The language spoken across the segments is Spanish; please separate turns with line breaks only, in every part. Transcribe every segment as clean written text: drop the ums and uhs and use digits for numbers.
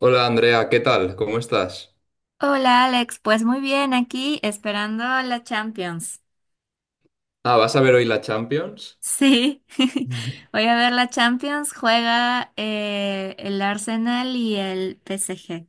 Hola Andrea, ¿qué tal? ¿Cómo estás?
Hola Alex, pues muy bien, aquí esperando la Champions.
Ah, ¿vas a ver hoy la Champions?
Sí, voy a ver la Champions, juega el Arsenal y el PSG.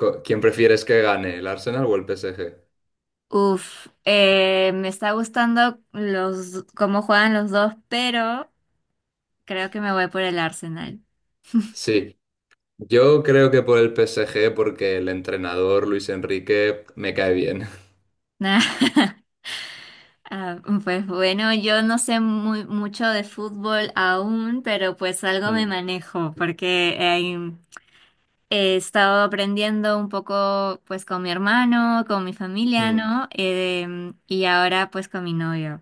¿Quién prefieres que gane, el Arsenal o el PSG?
Uf, me está gustando los cómo juegan los dos, pero creo que me voy por el Arsenal.
Sí, yo creo que por el PSG porque el entrenador Luis Enrique me cae bien.
Ah, pues bueno, yo no sé mucho de fútbol aún, pero pues algo me
Mm,
manejo, porque he estado aprendiendo un poco pues con mi hermano, con mi familia,
mm.
¿no? Y ahora pues con mi novio.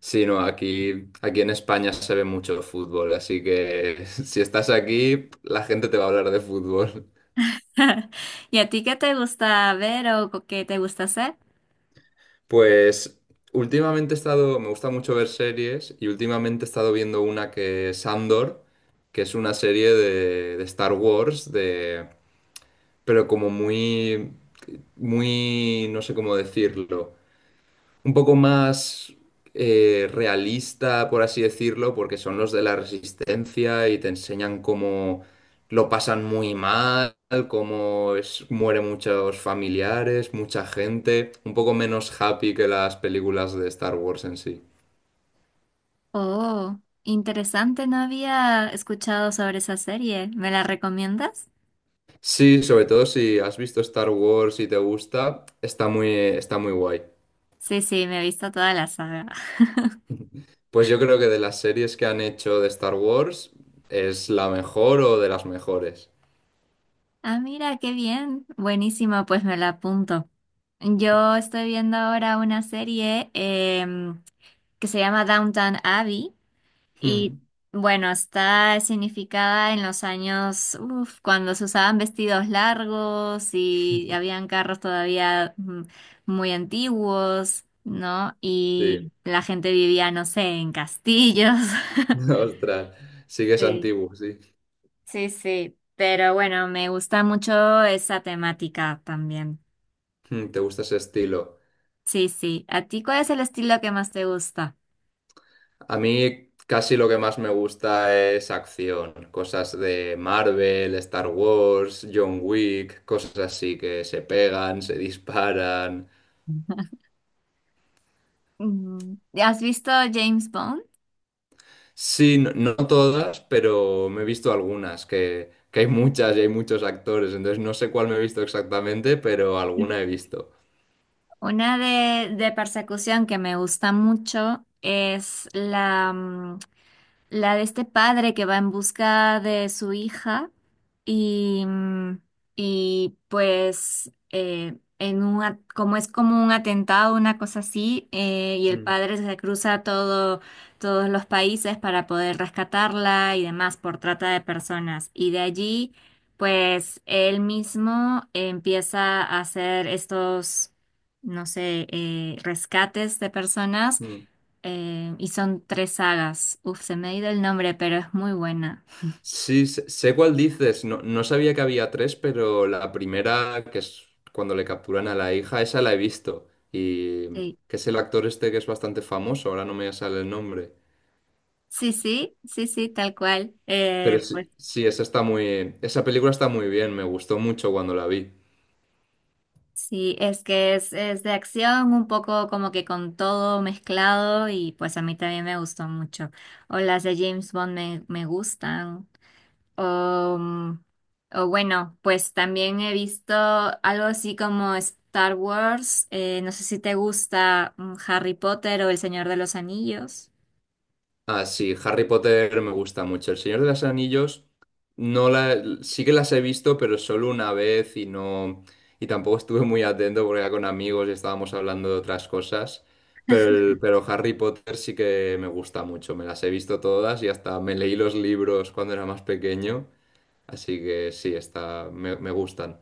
Sí, no, aquí en España se ve mucho fútbol, así que si estás aquí, la gente te va a hablar de fútbol.
¿Y a ti qué te gusta ver o qué te gusta hacer?
Pues últimamente he estado, me gusta mucho ver series y últimamente he estado viendo una que es Andor, que es una serie de Star Wars, de, pero como muy, no sé cómo decirlo un poco más realista, por así decirlo, porque son los de la resistencia y te enseñan cómo lo pasan muy mal, cómo es, mueren muchos familiares, mucha gente, un poco menos happy que las películas de Star Wars en sí.
Oh, interesante, no había escuchado sobre esa serie. ¿Me la recomiendas?
Sí, sobre todo si has visto Star Wars y te gusta, está muy guay.
Sí, sí, me he visto toda la saga.
Pues yo creo que de las series que han hecho de Star Wars es la mejor o de las mejores.
Ah, mira, qué bien. Buenísimo, pues me la apunto. Yo estoy viendo ahora una serie que se llama Downton Abbey. Y
Hmm.
bueno, está significada en los años, uf, cuando se usaban vestidos largos y habían carros todavía muy antiguos, ¿no? Y
Sí.
la gente vivía, no sé, en castillos.
Ostras, sí que es
Sí,
antiguo, sí.
sí, sí. Pero bueno, me gusta mucho esa temática también.
Mm, ¿te gusta ese estilo?
Sí, sí. ¿A ti cuál es el estilo que más te gusta?
A mí casi lo que más me gusta es acción, cosas de Marvel, Star Wars, John Wick, cosas así que se pegan, se disparan.
Mm, ¿has visto James Bond?
Sí, no, no todas, pero me he visto algunas, que hay muchas y hay muchos actores, entonces no sé cuál me he visto exactamente, pero alguna he visto.
Una de persecución que me gusta mucho es la de este padre que va en busca de su hija y, mm, y pues en un, como es como un atentado, una cosa así, y el
Mm.
padre se cruza todo, todos los países para poder rescatarla y demás por trata de personas. Y de allí, pues él mismo empieza a hacer estos, no sé, rescates de personas
Mm.
y son tres sagas. Uf, se me ha ido el nombre, pero es muy buena.
Sí, sé cuál dices. No, no sabía que había tres, pero la primera, que es cuando le capturan a la hija, esa la he visto. Y
Sí,
que es el actor este que es bastante famoso, ahora no me sale el nombre.
sí, sí, sí, sí, tal cual.
Pero
Pues
sí, sí, esa película está muy bien, me gustó mucho cuando la vi.
sí, es que es de acción, un poco como que con todo mezclado y pues a mí también me gustó mucho. O las de James Bond me gustan. O, mm, o bueno, pues también he visto algo así como Star Wars. Eh, no sé si te gusta Harry Potter o El Señor de los Anillos.
Ah, sí, Harry Potter me gusta mucho. El Señor de los Anillos no la, sí que las he visto, pero solo una vez y no y tampoco estuve muy atento porque era con amigos y estábamos hablando de otras cosas. Pero, pero Harry Potter sí que me gusta mucho. Me las he visto todas y hasta me leí los libros cuando era más pequeño. Así que sí, me gustan.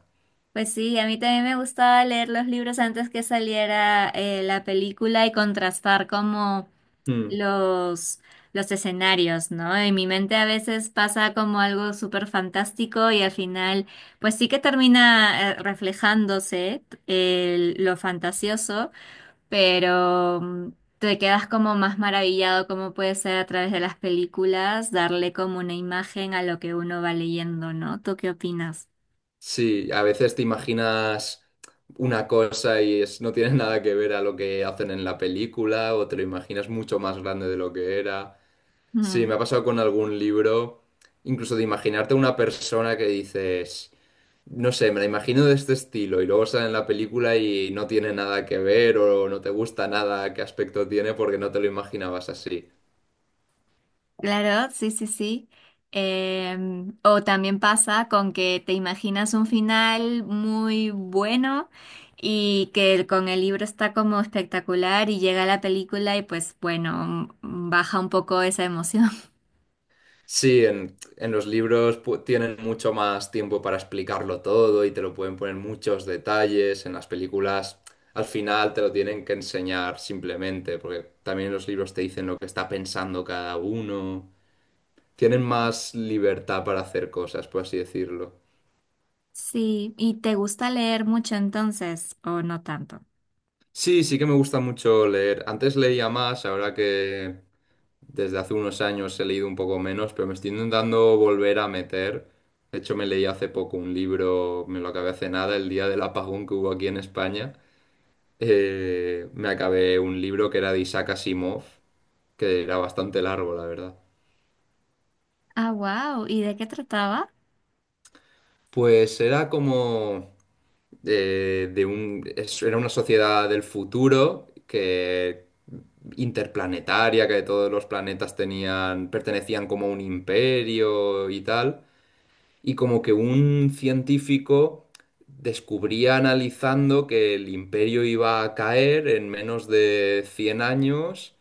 Pues sí, a mí también me gustaba leer los libros antes que saliera la película y contrastar como
Hmm.
los, los escenarios, ¿no? En mi mente a veces pasa como algo súper fantástico y al final, pues sí que termina reflejándose lo fantasioso, pero te quedas como más maravillado cómo puede ser a través de las películas darle como una imagen a lo que uno va leyendo, ¿no? ¿Tú qué opinas?
Sí, a veces te imaginas una cosa y es, no tiene nada que ver a lo que hacen en la película o te lo imaginas mucho más grande de lo que era. Sí, me ha pasado con algún libro, incluso de imaginarte una persona que dices, no sé, me la imagino de este estilo y luego sale en la película y no tiene nada que ver o no te gusta nada qué aspecto tiene porque no te lo imaginabas así.
Claro, sí, sí, sí. O también pasa con que te imaginas un final muy bueno y que con el libro está como espectacular y llega la película y pues bueno, baja un poco esa emoción.
Sí, en los libros tienen mucho más tiempo para explicarlo todo y te lo pueden poner muchos detalles. En las películas al final te lo tienen que enseñar simplemente, porque también los libros te dicen lo que está pensando cada uno. Tienen más libertad para hacer cosas, por así decirlo.
Sí, ¿y te gusta leer mucho entonces o no tanto?
Sí, sí que me gusta mucho leer. Antes leía más, ahora que Desde hace unos años he leído un poco menos, pero me estoy intentando volver a meter. De hecho, me leí hace poco un libro, me lo acabé hace nada, el día del apagón que hubo aquí en España. Me acabé un libro que era de Isaac Asimov, que era bastante largo, la verdad.
Ah, wow, ¿y de qué trataba?
Pues era como era una sociedad del futuro que interplanetaria, que todos los planetas tenían, pertenecían como a un imperio y tal. Y como que un científico descubría analizando que el imperio iba a caer en menos de 100 años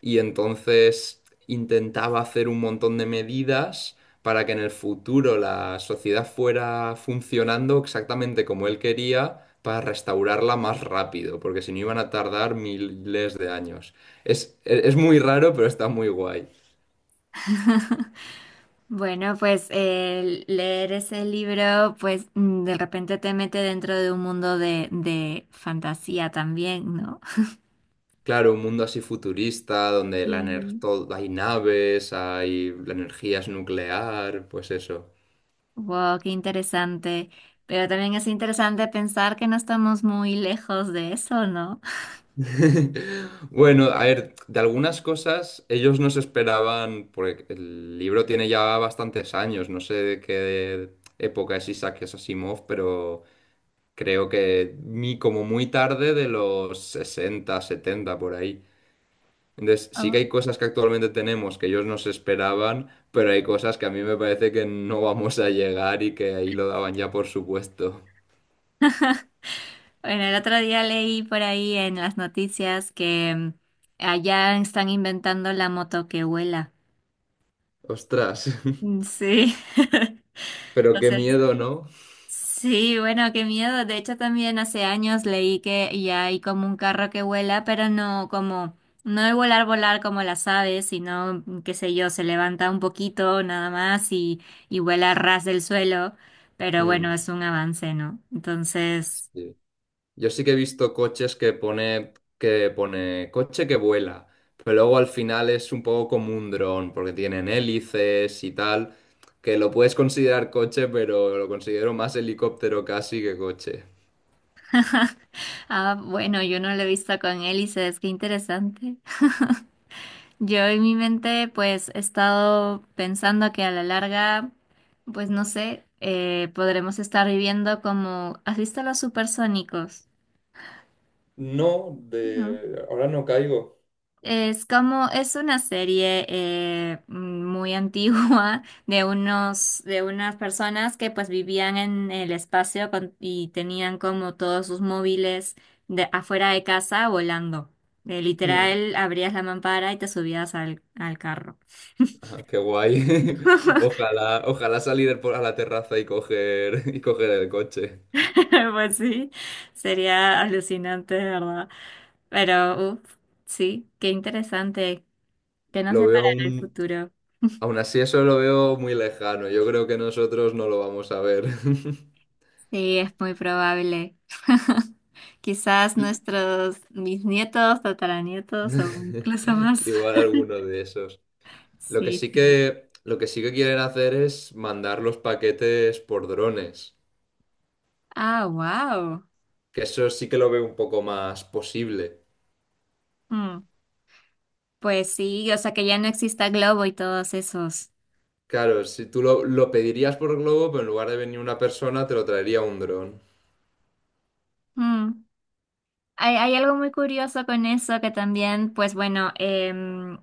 y entonces intentaba hacer un montón de medidas para que en el futuro la sociedad fuera funcionando exactamente como él quería, para restaurarla más rápido, porque si no iban a tardar miles de años. Es es muy raro, pero está muy guay.
Bueno, pues el leer ese libro, pues de repente te mete dentro de un mundo de fantasía también, ¿no?
Claro, un mundo así futurista, donde
Sí.
hay naves, hay la energía es nuclear, pues eso.
Wow, qué interesante. Pero también es interesante pensar que no estamos muy lejos de eso, ¿no?
Bueno, a ver, de algunas cosas ellos no se esperaban, porque el libro tiene ya bastantes años, no sé de qué época es Isaac Asimov, pero creo que como muy tarde de los 60, 70 por ahí. Entonces, sí que
Oh.
hay cosas que actualmente tenemos que ellos no se esperaban, pero hay cosas que a mí me parece que no vamos a llegar y que ahí lo daban ya por supuesto.
Bueno, el otro día leí por ahí en las noticias que allá están inventando la moto que vuela.
Ostras,
Mm, sí.
pero qué
Entonces,
miedo, ¿no?
sí, bueno, qué miedo. De hecho, también hace años leí que ya hay como un carro que vuela, pero no como, no de volar, volar como las aves, sino, qué sé yo, se levanta un poquito nada más y vuela a ras del suelo. Pero bueno,
Mm,
es un avance, ¿no? Entonces,
sí. Yo sí que he visto coches que pone, coche que vuela, pero luego al final es un poco como un dron, porque tienen hélices y tal, que lo puedes considerar coche, pero lo considero más helicóptero casi que coche.
ah, bueno, yo no lo he visto con hélices, qué interesante. Yo en mi mente pues he estado pensando que a la larga, pues no sé, podremos estar viviendo como, ¿has visto Los Supersónicos?
No,
¿No?
de ahora no caigo.
Es una serie muy antigua de unos, de unas personas que pues vivían en el espacio y tenían como todos sus móviles afuera de casa volando. Literal, abrías la mampara y te subías al carro.
Ah, qué guay. Ojalá, ojalá a la terraza y coger, y coger el coche.
Pues sí, sería alucinante, de verdad. Pero, uff, sí, qué interesante que nos
Lo veo
separará el
aún,
futuro.
aún así eso lo veo muy lejano. Yo creo que nosotros no lo vamos a ver.
Sí, es muy probable. Quizás nuestros, mis nietos, tataranietos o incluso más.
Igual alguno de esos.
Sí, sí.
Lo que sí que quieren hacer es mandar los paquetes por drones.
Ah, wow.
Que eso sí que lo veo un poco más posible.
Pues sí, o sea que ya no exista Globo y todos esos.
Claro, si tú lo pedirías por globo, pero en lugar de venir una persona, te lo traería un dron.
Mm. Hay algo muy curioso con eso que también, pues bueno, em,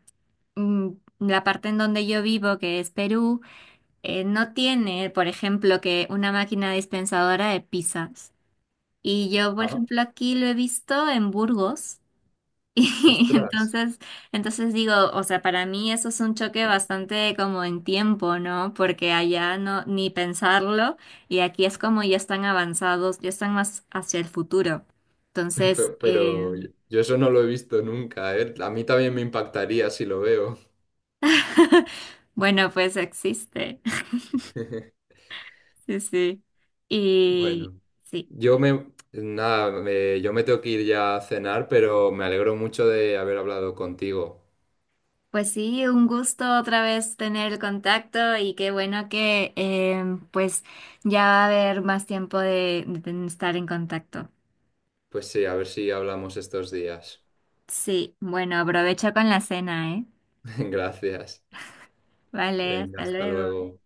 mm, la parte en donde yo vivo, que es Perú, no tiene, por ejemplo, que una máquina dispensadora de pizzas. Y yo, por
Ah,
ejemplo, aquí lo he visto en Burgos. Y
ostras.
entonces, entonces digo, o sea, para mí eso es un choque bastante como en tiempo, ¿no? Porque allá no, ni pensarlo, y aquí es como ya están avanzados, ya están más hacia el futuro. Entonces,
Pero, yo eso no lo he visto nunca, ¿eh? A mí también me impactaría si lo veo.
bueno, pues existe. Sí, sí. Y
Bueno,
sí.
nada, yo me tengo que ir ya a cenar, pero me alegro mucho de haber hablado contigo.
Pues sí, un gusto otra vez tener el contacto y qué bueno que em, pues ya va a haber más tiempo de estar en contacto.
Pues sí, a ver si hablamos estos días.
Sí, bueno, aprovecha con la cena, ¿eh?
Gracias.
Vale,
Venga,
hasta
hasta
luego.
luego.